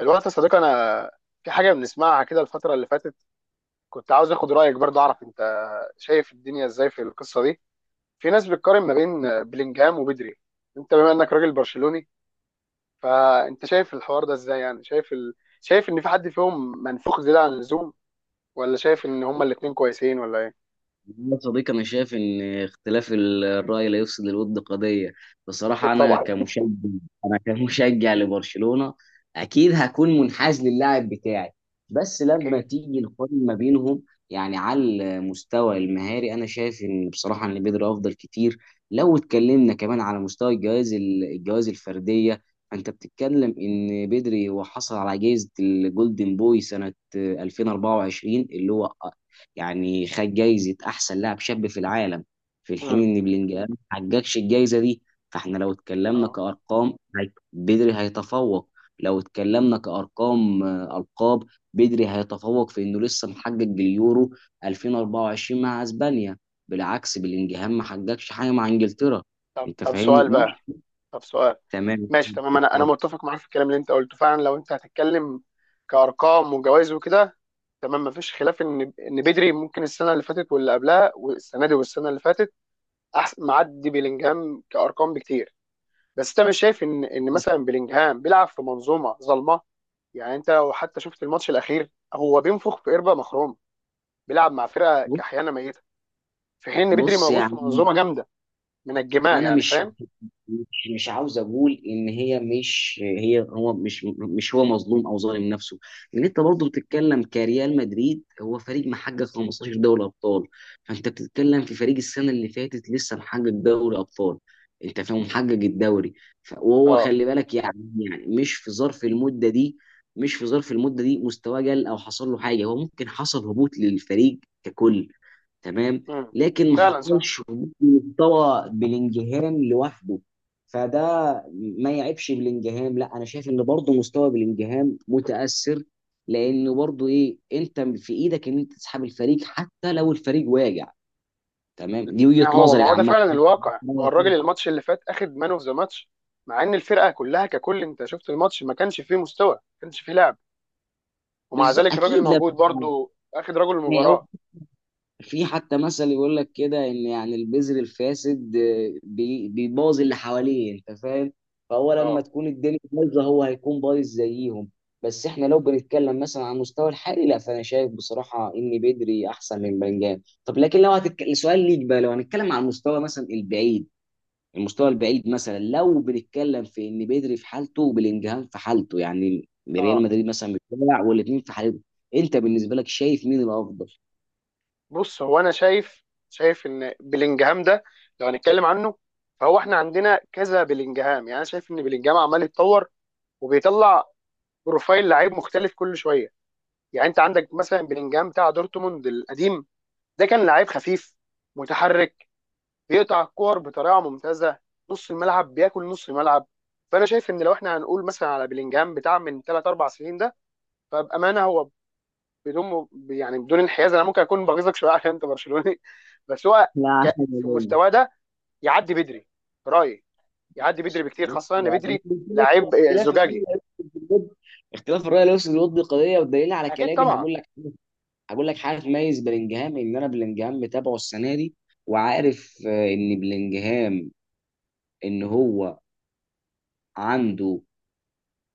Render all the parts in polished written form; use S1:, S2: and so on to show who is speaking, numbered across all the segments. S1: الوقت يا صديقي، انا في حاجه بنسمعها كده الفتره اللي فاتت. كنت عاوز اخد رايك، برضه اعرف انت شايف الدنيا ازاي في القصه دي. في ناس بتقارن ما بين بلينجهام وبدري. انت، بما انك راجل برشلوني، فانت شايف الحوار ده ازاي؟ يعني شايف ان في حد فيهم منفوخ زياده عن اللزوم، ولا شايف ان هما الاثنين كويسين، ولا ايه؟
S2: والله يا صديقي، أنا شايف إن اختلاف الرأي لا يفسد الود قضية.
S1: أكيد
S2: بصراحة
S1: طبعا.
S2: أنا كمشجع لبرشلونة. أكيد هكون منحاز للاعب بتاعي. بس لما
S1: اكيد.
S2: تيجي نقارن ما بينهم، يعني على المستوى المهاري أنا شايف إن، بصراحة، إن بيدري أفضل كتير. لو اتكلمنا كمان على مستوى الجوائز الجوائز الفردية، أنت بتتكلم إن بيدري وحصل على جائزة الجولدن بوي سنة 2024، اللي هو يعني خد جايزة أحسن لاعب شاب في العالم، في
S1: امم.
S2: الحين إن بلينجهام ما حققش الجايزة دي. فإحنا لو اتكلمنا
S1: اه.
S2: كأرقام، بدري هيتفوق. لو اتكلمنا كأرقام ألقاب، بدري هيتفوق في إنه لسه محقق اليورو 2024 مع أسبانيا. بالعكس بلينجهام ما حققش حاجة مع إنجلترا.
S1: طب
S2: أنت
S1: طب
S2: فاهمني؟
S1: سؤال بقى.
S2: مش.
S1: طب سؤال.
S2: تمام.
S1: ماشي تمام، انا متفق معاك في الكلام اللي انت قلته فعلا، لو انت هتتكلم كارقام وجوائز وكده. تمام، مفيش خلاف ان بدري ممكن السنه اللي فاتت واللي قبلها والسنه دي والسنه اللي فاتت احسن معدي بيلينجهام كارقام بكتير. بس انت مش شايف ان مثلا بيلينجهام بيلعب في منظومه ظلمه؟ يعني انت لو حتى شفت الماتش الاخير، هو بينفخ في قربه مخروم، بيلعب مع فرقه كحيانه ميته، في حين ان بدري
S2: بص
S1: موجود في
S2: يعني،
S1: منظومه جامده منجماه،
S2: انا
S1: يعني
S2: مش
S1: فاهم؟
S2: مش مش عاوز اقول ان هي مش هي هو مش مش هو مظلوم او ظالم نفسه. لان انت برضه بتتكلم كريال مدريد، هو فريق محقق 15 دوري ابطال. فانت بتتكلم في فريق السنه اللي فاتت لسه محقق دوري ابطال، انت فاهم، محقق الدوري. وهو
S1: اه.
S2: خلي بالك يعني، يعني مش في ظرف المده دي، مش في ظرف المده دي مستواه قل او حصل له حاجه، هو ممكن حصل هبوط للفريق ككل. تمام.
S1: امم.
S2: لكن ما
S1: فعلا صح.
S2: حصلش هبوط مستوى بلينجهام لوحده. فده ما يعيبش بلينجهام، لا، انا شايف ان برضه مستوى بلينجهام متاثر، لان برضه ايه، انت في ايدك ان انت تسحب الفريق حتى لو الفريق واجع. تمام، دي
S1: ما
S2: وجهه
S1: هو ما
S2: نظري
S1: هو ده
S2: عامه.
S1: فعلا الواقع، ما هو الراجل الماتش اللي فات اخد مان اوف ذا ماتش، مع ان الفرقه كلها ككل، انت شفت الماتش، ما كانش فيه مستوى، ما كانش فيه لعب، ومع
S2: بالظبط،
S1: ذلك الراجل
S2: اكيد
S1: موجود
S2: لما،
S1: برضو، اخد رجل المباراه.
S2: في حتى مثل يقول لك كده ان يعني البذر الفاسد بيبوظ اللي حواليه، انت فاهم. فهو لما
S1: اه.
S2: تكون الدنيا بايظه هو هيكون بايظ زيهم. بس احنا لو بنتكلم مثلا على المستوى الحالي، لا، فانا شايف بصراحه ان بدري احسن من بنجام. طب لكن لو هتتكلم، سؤال ليك بقى، لو هنتكلم على المستوى مثلا البعيد. المستوى البعيد مثلا، لو بنتكلم في ان بدري في حالته وبلينجهام في حالته يعني، ريال
S1: اه.
S2: مدريد مثلا بتلعب والاثنين في حالته، انت بالنسبه لك شايف مين الافضل؟
S1: بص هو انا شايف ان بلينجهام ده، لو هنتكلم عنه، فهو احنا عندنا كذا بلينجهام، يعني انا شايف ان بلينجهام عمال يتطور وبيطلع بروفايل لعيب مختلف كل شويه. يعني انت عندك مثلا بلينجهام بتاع دورتموند القديم، ده كان لعيب خفيف، متحرك، بيقطع الكور بطريقه ممتازه، نص الملعب بياكل نص الملعب. فانا شايف ان، لو احنا هنقول مثلا على بلينجهام بتاع من 3 4 سنين ده، فبامانه هو، بدون يعني بدون انحياز، انا ممكن اكون بغيظك شويه عشان انت برشلوني. بس هو
S2: لا.
S1: ك... في مستواه ده يعدي بدري، في رايي، يعدي بدري
S2: بص
S1: بكتير، خاصه ان
S2: يعني،
S1: بدري لعيب
S2: اختلاف اختلاف الرأي
S1: زجاجي.
S2: الوسط بالود اختلاف الرأي الوسط بالود دي قضية. والدليل على
S1: اكيد
S2: كلامي
S1: طبعا.
S2: هقول لك حاجة تميز بلينجهام، ان انا بلينجهام متابعه السنة دي وعارف ان بلينجهام، ان هو عنده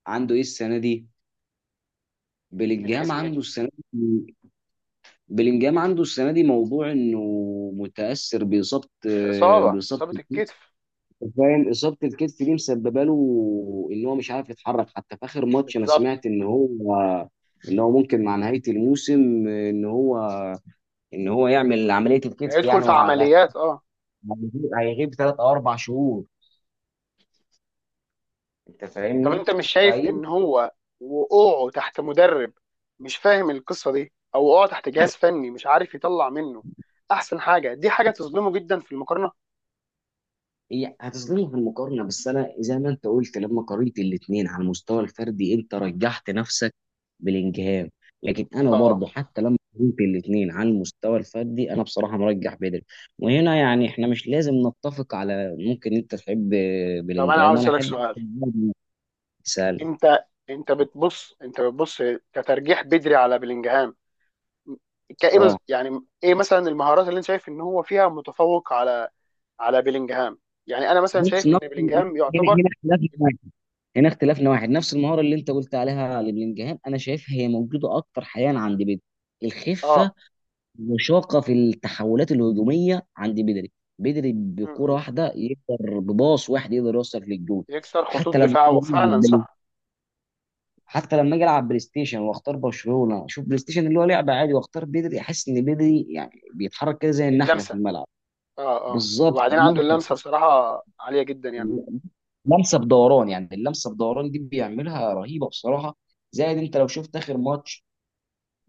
S2: عنده ايه السنة دي.
S1: من
S2: بلينجهام
S1: حيث ايه؟
S2: عنده السنة دي بلينجهام عنده السنة دي موضوع انه متأثر بإصابة،
S1: اصابه، اصابه الكتف.
S2: فاهم، اصابه الكتف دي مسببه له ان هو مش عارف يتحرك. حتى في اخر ماتش انا
S1: بالظبط،
S2: سمعت ان هو، ممكن مع نهايه الموسم ان هو، يعمل عمليه الكتف
S1: هيدخل
S2: يعني،
S1: في
S2: وعلى
S1: عمليات، اه.
S2: هيغيب 3 او 4 شهور. انت
S1: طب
S2: فاهمني؟
S1: انت مش شايف ان هو، وقوعه تحت مدرب مش فاهم القصه دي، او وقوعه تحت جهاز فني مش عارف يطلع منه احسن حاجه، دي حاجه تظلمه جدا في المقارنه؟
S2: هي هتظلمه في المقارنه، بس انا زي ما انت قلت، لما قارنت الاثنين على المستوى الفردي انت رجحت نفسك بلينجهام. لكن انا
S1: اه.
S2: برضه، حتى لما قارنت الاثنين على المستوى الفردي، انا بصراحه مرجح بدري. وهنا يعني احنا مش لازم نتفق. على ممكن انت تحب
S1: طب انا
S2: بلينجهام
S1: عاوز
S2: وانا
S1: اسالك
S2: احب.
S1: سؤال.
S2: سال.
S1: انت، انت بتبص كترجيح بدري على بلينجهام، كايه،
S2: اه.
S1: يعني ايه مثلا المهارات اللي انت شايف ان هو فيها متفوق على بيلينجهام؟ يعني انا مثلا
S2: بص
S1: شايف ان
S2: نفس.
S1: بيلينجهام
S2: هنا
S1: يعتبر.
S2: هنا اختلافنا واحد هنا اختلافنا واحد. نفس المهاره اللي انت قلت عليها لبلينجهام، انا شايفها هي موجوده اكتر حاليا عند بيدري. الخفه.
S1: اه.
S2: مشاقة في التحولات الهجومية عند بدري. بدري
S1: م-
S2: بكرة
S1: م.
S2: واحدة يقدر، بباص واحد يقدر يوصل للجول.
S1: يكسر خطوط
S2: حتى لما أجي
S1: دفاعه
S2: ألعب
S1: فعلا،
S2: بلاي-
S1: صح.
S2: حتى لما اجي العب بلاي ستيشن واختار برشلونة، اشوف بلاي ستيشن اللي هو لعبة عادي، واختار بدري، احس ان بدري يعني بيتحرك كده زي النحلة في
S1: اللمسه.
S2: الملعب.
S1: اه، اه،
S2: بالظبط،
S1: وبعدين عنده
S2: اللمسة.
S1: اللمسه بصراحه عاليه جدا يعني.
S2: لمسه بدوران يعني، اللمسه بدوران دي بيعملها رهيبه بصراحه. زائد انت لو شفت اخر ماتش،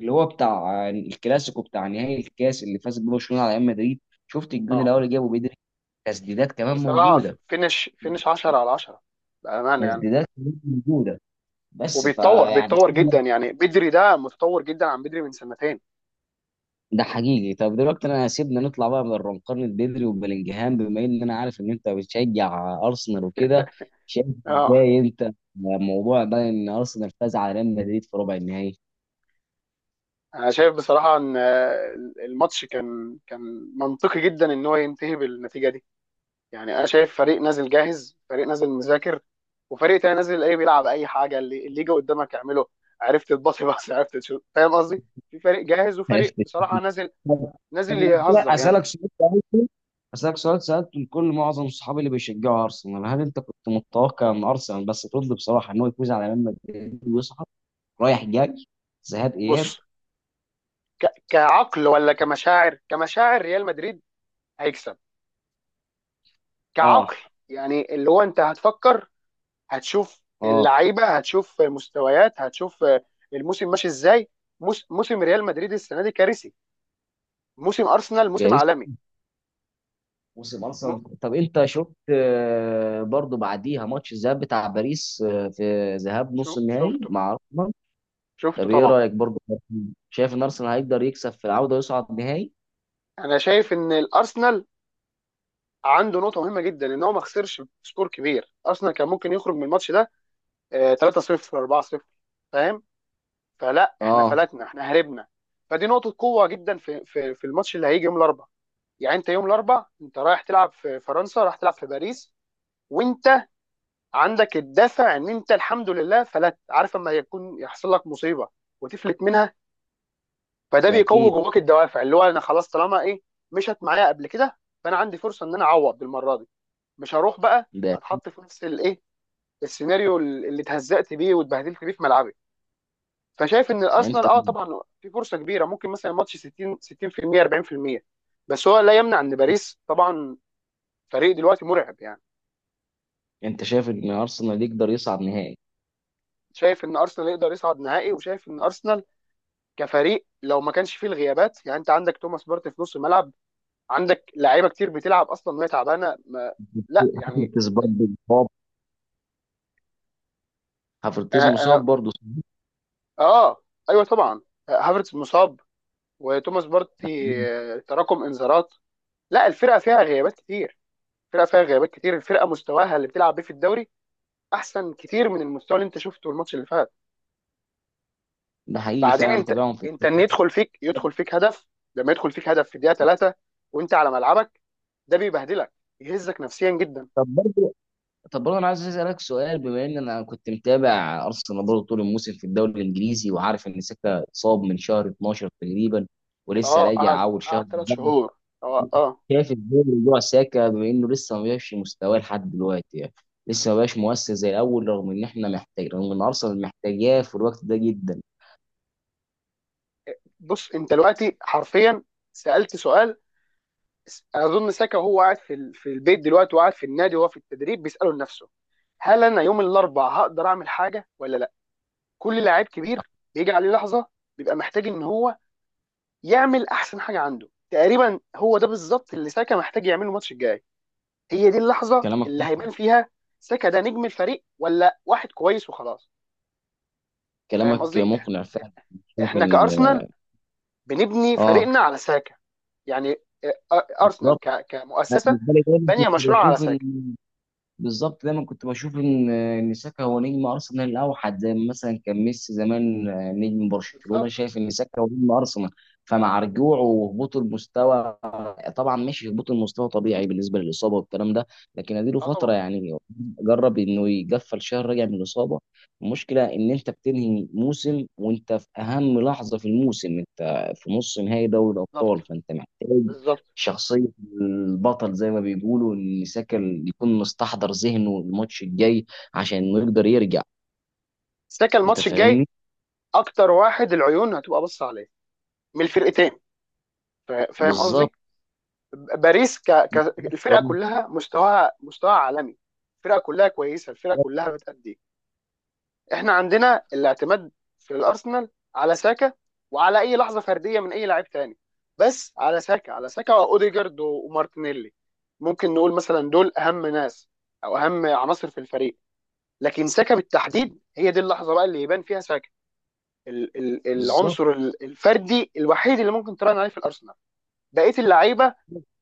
S2: اللي هو بتاع الكلاسيكو بتاع نهائي الكاس اللي فاز بيه برشلونه على ريال مدريد، شفت الجون
S1: اه
S2: الاول اللي جابه بدري. تسديدات كمان
S1: بصراحه
S2: موجوده.
S1: فينش فينش 10 على 10، بامانه يعني.
S2: تسديدات كمان موجوده، بس
S1: وبيتطور
S2: فيعني،
S1: بيتطور
S2: سيبنا.
S1: جدا، يعني بدري ده متطور جدا عن بدري من سنتين.
S2: ده حقيقي. طب دلوقتي انا، سيبنا نطلع بقى من نقارنة بدري وبلينجهام، بما ان انا عارف ان انت بتشجع ارسنال وكده، شايف
S1: اه.
S2: ازاي انت موضوع بقى ان ارسنال فاز على ريال مدريد في ربع النهائي؟
S1: انا شايف بصراحه ان، الماتش كان منطقي جدا ان هو ينتهي بالنتيجه دي. يعني انا شايف فريق نازل جاهز، فريق نازل مذاكر، وفريق تاني نازل ايه، بيلعب اي حاجه، اللي يجي قدامك اعمله. عرفت تباصي بس، عرفت تشوت، فاهم قصدي؟ في فريق جاهز
S2: عرفت.
S1: وفريق بصراحه نازل،
S2: طب طب
S1: نازل
S2: أنا
S1: يهزر يعني.
S2: اسالك سؤال سالته لكل معظم صحابي اللي بيشجعوا ارسنال. هل انت كنت متوقع ان ارسنال، بس ترد بصراحه، ان هو يفوز على ريال مدريد ويصعد، رايح جاي، ذهاب اياب؟
S1: بص، كعقل ولا كمشاعر؟ كمشاعر ريال مدريد هيكسب. كعقل،
S2: اه.
S1: يعني اللي هو انت هتفكر، هتشوف
S2: اه.
S1: اللعيبه، هتشوف مستويات، هتشوف الموسم ماشي ازاي. موسم ريال مدريد السنه دي كارثي، موسم ارسنال موسم
S2: كارثه.
S1: عالمي.
S2: موسم
S1: م...
S2: ارسنال، طب انت شفت برضو بعديها ماتش الذهاب بتاع باريس، في ذهاب
S1: شو...
S2: نص النهائي
S1: شفته
S2: مع ارسنال.
S1: شفته
S2: طب ايه
S1: طبعا.
S2: رايك برضو؟ شايف ان ارسنال هيقدر يكسب في العوده ويصعد نهائي؟
S1: انا شايف ان الارسنال عنده نقطه مهمه جدا، ان هو ما خسرش سكور كبير. ارسنال كان ممكن يخرج من الماتش ده 3-0، 4-0، فاهم؟ فلا، احنا
S2: اه.
S1: فلتنا، احنا هربنا. فدي نقطه قوه جدا في الماتش اللي هيجي يوم الاربعاء. يعني انت يوم الاربعاء، انت رايح تلعب في فرنسا، رايح تلعب في باريس، وانت عندك الدافع ان انت الحمد لله فلت. عارف، اما يكون يحصل لك مصيبه وتفلت منها، فده
S2: ده
S1: بيقوي
S2: اكيد.
S1: جواك الدوافع اللي هو انا خلاص، طالما ايه مشت معايا قبل كده، فانا عندي فرصه ان انا اعوض بالمره دي، مش هروح بقى
S2: ده
S1: اتحط في نفس الايه، السيناريو اللي اتهزقت بيه واتبهدلت بيه في ملعبي. فشايف ان الارسنال،
S2: انت،
S1: اه طبعا، في فرصه كبيره، ممكن مثلا الماتش 60، 60% 40%، بس هو لا يمنع ان باريس طبعا فريق دلوقتي مرعب يعني.
S2: شايف ان ارسنال يقدر يصعد نهائي؟
S1: شايف ان ارسنال يقدر يصعد نهائي، وشايف ان ارسنال كفريق لو ما كانش فيه الغيابات. يعني انت عندك توماس بارتي في نص الملعب، عندك لعيبه كتير بتلعب اصلا وهي تعبانه، ما لا، يعني
S2: هافرتز
S1: انت.
S2: برضو مصاب.
S1: آه,
S2: هافرتز مصاب
S1: آه,
S2: برضو، ده
S1: اه، ايوه طبعا. هافرتز مصاب، وتوماس بارتي
S2: حقيقي.
S1: تراكم انذارات. لا، الفرقه فيها غيابات كتير، الفرقه فيها غيابات كتير. الفرقه مستواها اللي بتلعب بيه في الدوري احسن كتير من المستوى اللي انت شفته الماتش اللي فات.
S2: ده حقيقي،
S1: بعدين
S2: فعلا
S1: انت
S2: متابعهم في
S1: انت ان
S2: التاريخ.
S1: يدخل فيك يدخل فيك هدف، لما يدخل فيك هدف في الدقيقه 3 وانت على ملعبك، ده بيبهدلك، يهزك نفسيا جدا.
S2: طب برضو، طب برضه انا عايز اسالك سؤال، بما ان انا كنت متابع ارسنال برضه طول الموسم في الدوري الانجليزي، وعارف ان ساكا اتصاب من شهر 12 تقريبا ولسه
S1: اه،
S2: راجع
S1: قعد
S2: اول شهر.
S1: قعد 3 شهور. اه، اه.
S2: شايف ازاي موضوع ساكا، بما انه لسه ما بقاش في مستواه لحد دلوقتي يعني، لسه ما بقاش مؤثر زي الاول، رغم ان ارسنال محتاجاه في الوقت ده جدا؟
S1: بص انت دلوقتي حرفيا سالت سؤال. اظن ساكا وهو قاعد في في البيت دلوقتي، وقاعد في النادي وهو في التدريب، بيساله لنفسه: هل انا يوم الاربعاء هقدر اعمل حاجه ولا لا؟ كل لاعب كبير بيجي عليه لحظه، بيبقى محتاج ان هو يعمل احسن حاجه عنده، تقريبا هو ده بالظبط اللي ساكا محتاج يعمله الماتش الجاي. هي دي اللحظه
S2: كلامك.
S1: اللي هيبان فيها ساكا ده نجم الفريق ولا واحد كويس وخلاص، فاهم
S2: كلامك
S1: قصدي؟
S2: مقنع فعلا. شايف
S1: احنا
S2: ان.
S1: كارسنال بنبني
S2: اه.
S1: فريقنا على ساكا. يعني ارسنال
S2: بالظبط. انا
S1: كمؤسسه
S2: بالنسبه لي دايما كنت
S1: بانيه مشروع على
S2: بشوف
S1: ساكا.
S2: ان، بالظبط، دايما كنت بشوف ان ساكا هو نجم ارسنال الاوحد، زي ما مثلا كان ميسي زمان نجم برشلونه،
S1: بالظبط،
S2: شايف ان ساكا هو نجم ارسنال. فمع رجوعه وهبوط المستوى، طبعا ماشي، هبوط المستوى طبيعي بالنسبه للاصابه والكلام ده. لكن اديله
S1: اه
S2: فتره
S1: طبعا،
S2: يعني، جرب انه يقفل شهر راجع من الاصابه. المشكله ان انت بتنهي موسم وانت في اهم لحظه في الموسم، انت في نص نهائي دوري الابطال،
S1: بالظبط
S2: فانت محتاج
S1: بالظبط.
S2: شخصية البطل، زي ما بيقولوا، إن ساكا يكون مستحضر ذهنه الماتش الجاي، عشان إنه يقدر يرجع.
S1: ساكا
S2: أنت
S1: الماتش الجاي
S2: فاهمني؟
S1: اكتر واحد العيون هتبقى بص عليه من الفرقتين، فاهم
S2: بالظبط،
S1: قصدي؟ باريس، الفرقه كلها مستواها عالمي، الفرقه كلها كويسه، الفرقه كلها بتأدي. احنا عندنا الاعتماد في الارسنال على ساكا، وعلى اي لحظه فرديه من اي لاعب تاني، بس على ساكا. على ساكا واوديجارد ومارتينيلي، ممكن نقول مثلا دول اهم ناس او اهم عناصر في الفريق. لكن ساكا بالتحديد، هي دي اللحظه بقى اللي يبان فيها ساكا،
S2: بالظبط.
S1: العنصر الفردي الوحيد اللي ممكن تراهن عليه في الارسنال. بقيه اللعيبه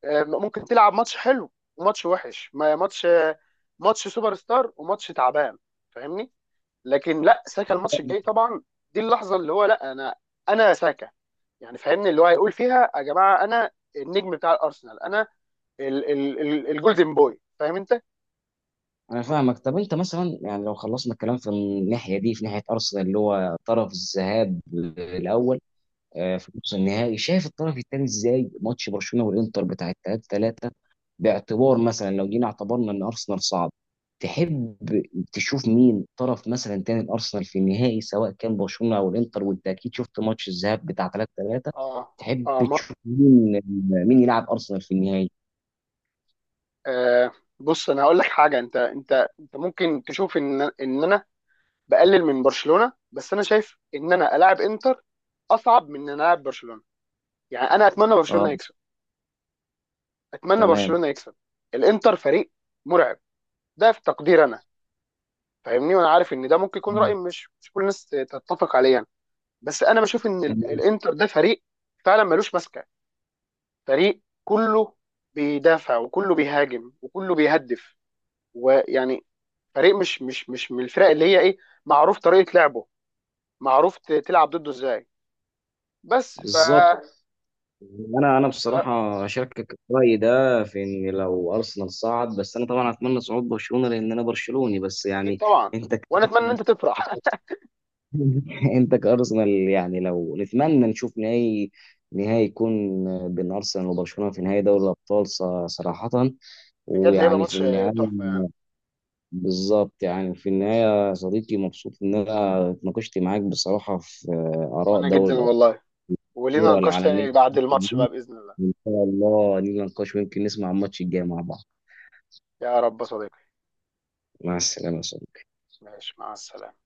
S1: ممكن تلعب ماتش حلو وماتش وحش، ما ماتش آه، ماتش سوبر ستار وماتش تعبان، فاهمني؟ لكن لا، ساكا الماتش الجاي طبعا دي اللحظه اللي هو، لا انا، انا ساكا، يعني فاهمني؟ اللي هو هيقول فيها: يا جماعه انا النجم بتاع الارسنال، انا ال الجولدن بوي، فاهم انت؟
S2: أنا فاهمك. طب أنت مثلا يعني، لو خلصنا الكلام في الناحية دي، في ناحية أرسنال اللي هو طرف الذهاب الأول في نص النهائي، شايف الطرف الثاني إزاي؟ ماتش برشلونة والإنتر بتاع 3-3. باعتبار مثلا لو جينا اعتبرنا ان ارسنال صعد، تحب تشوف مين طرف مثلا تاني الارسنال في النهائي، سواء كان برشلونه او الانتر؟ وانت اكيد شفت ماتش الذهاب بتاع 3-3.
S1: اه.
S2: تحب
S1: اه, ما
S2: تشوف مين يلعب ارسنال في النهائي؟
S1: آه بص انا هقول لك حاجه. انت ممكن تشوف ان انا بقلل من برشلونه، بس انا شايف ان انا العب انتر اصعب من ان انا العب برشلونه. يعني انا اتمنى
S2: اه.
S1: برشلونه يكسب، اتمنى
S2: تمام،
S1: برشلونه يكسب. الانتر فريق مرعب، ده في تقدير انا، فاهمني؟ وانا عارف ان ده ممكن يكون راي مش كل الناس تتفق عليه يعني. بس انا بشوف ان
S2: تمام،
S1: الانتر ده فريق فعلا ملوش ماسكه، فريق كله بيدافع وكله بيهاجم وكله بيهدف ويعني، فريق مش من الفرق اللي هي ايه، معروف طريقه لعبه، معروف تلعب ضده ازاي، بس
S2: بالظبط. انا
S1: ف-
S2: بصراحه اشاركك الراي ده في ان لو ارسنال صعد. بس انا طبعا اتمنى صعود برشلونه، لان انا برشلوني. بس
S1: اكيد
S2: يعني،
S1: طبعا،
S2: انت ك-
S1: وانا اتمنى ان انت تفرح.
S2: انت كارسنال، يعني لو نتمنى نشوف نهائي يكون بين ارسنال وبرشلونه في نهائي دوري الابطال، صراحه.
S1: بجد هيبقى
S2: ويعني في
S1: ماتش
S2: النهايه،
S1: تحفه يعني.
S2: بالظبط، يعني في النهايه يا صديقي، مبسوط ان انا اتناقشت معاك بصراحه في اراء
S1: وانا
S2: دوري
S1: جدا
S2: الابطال.
S1: والله، ولينا
S2: الكرة
S1: نقاش
S2: العالميه.
S1: تاني بعد الماتش بقى بإذن الله.
S2: وان شاء الله نيجي نناقش، ويمكن نسمع الماتش الجاي مع بعض.
S1: يا رب يا صديقي.
S2: مع السلامه يا صديقي.
S1: ماشي مع السلامة.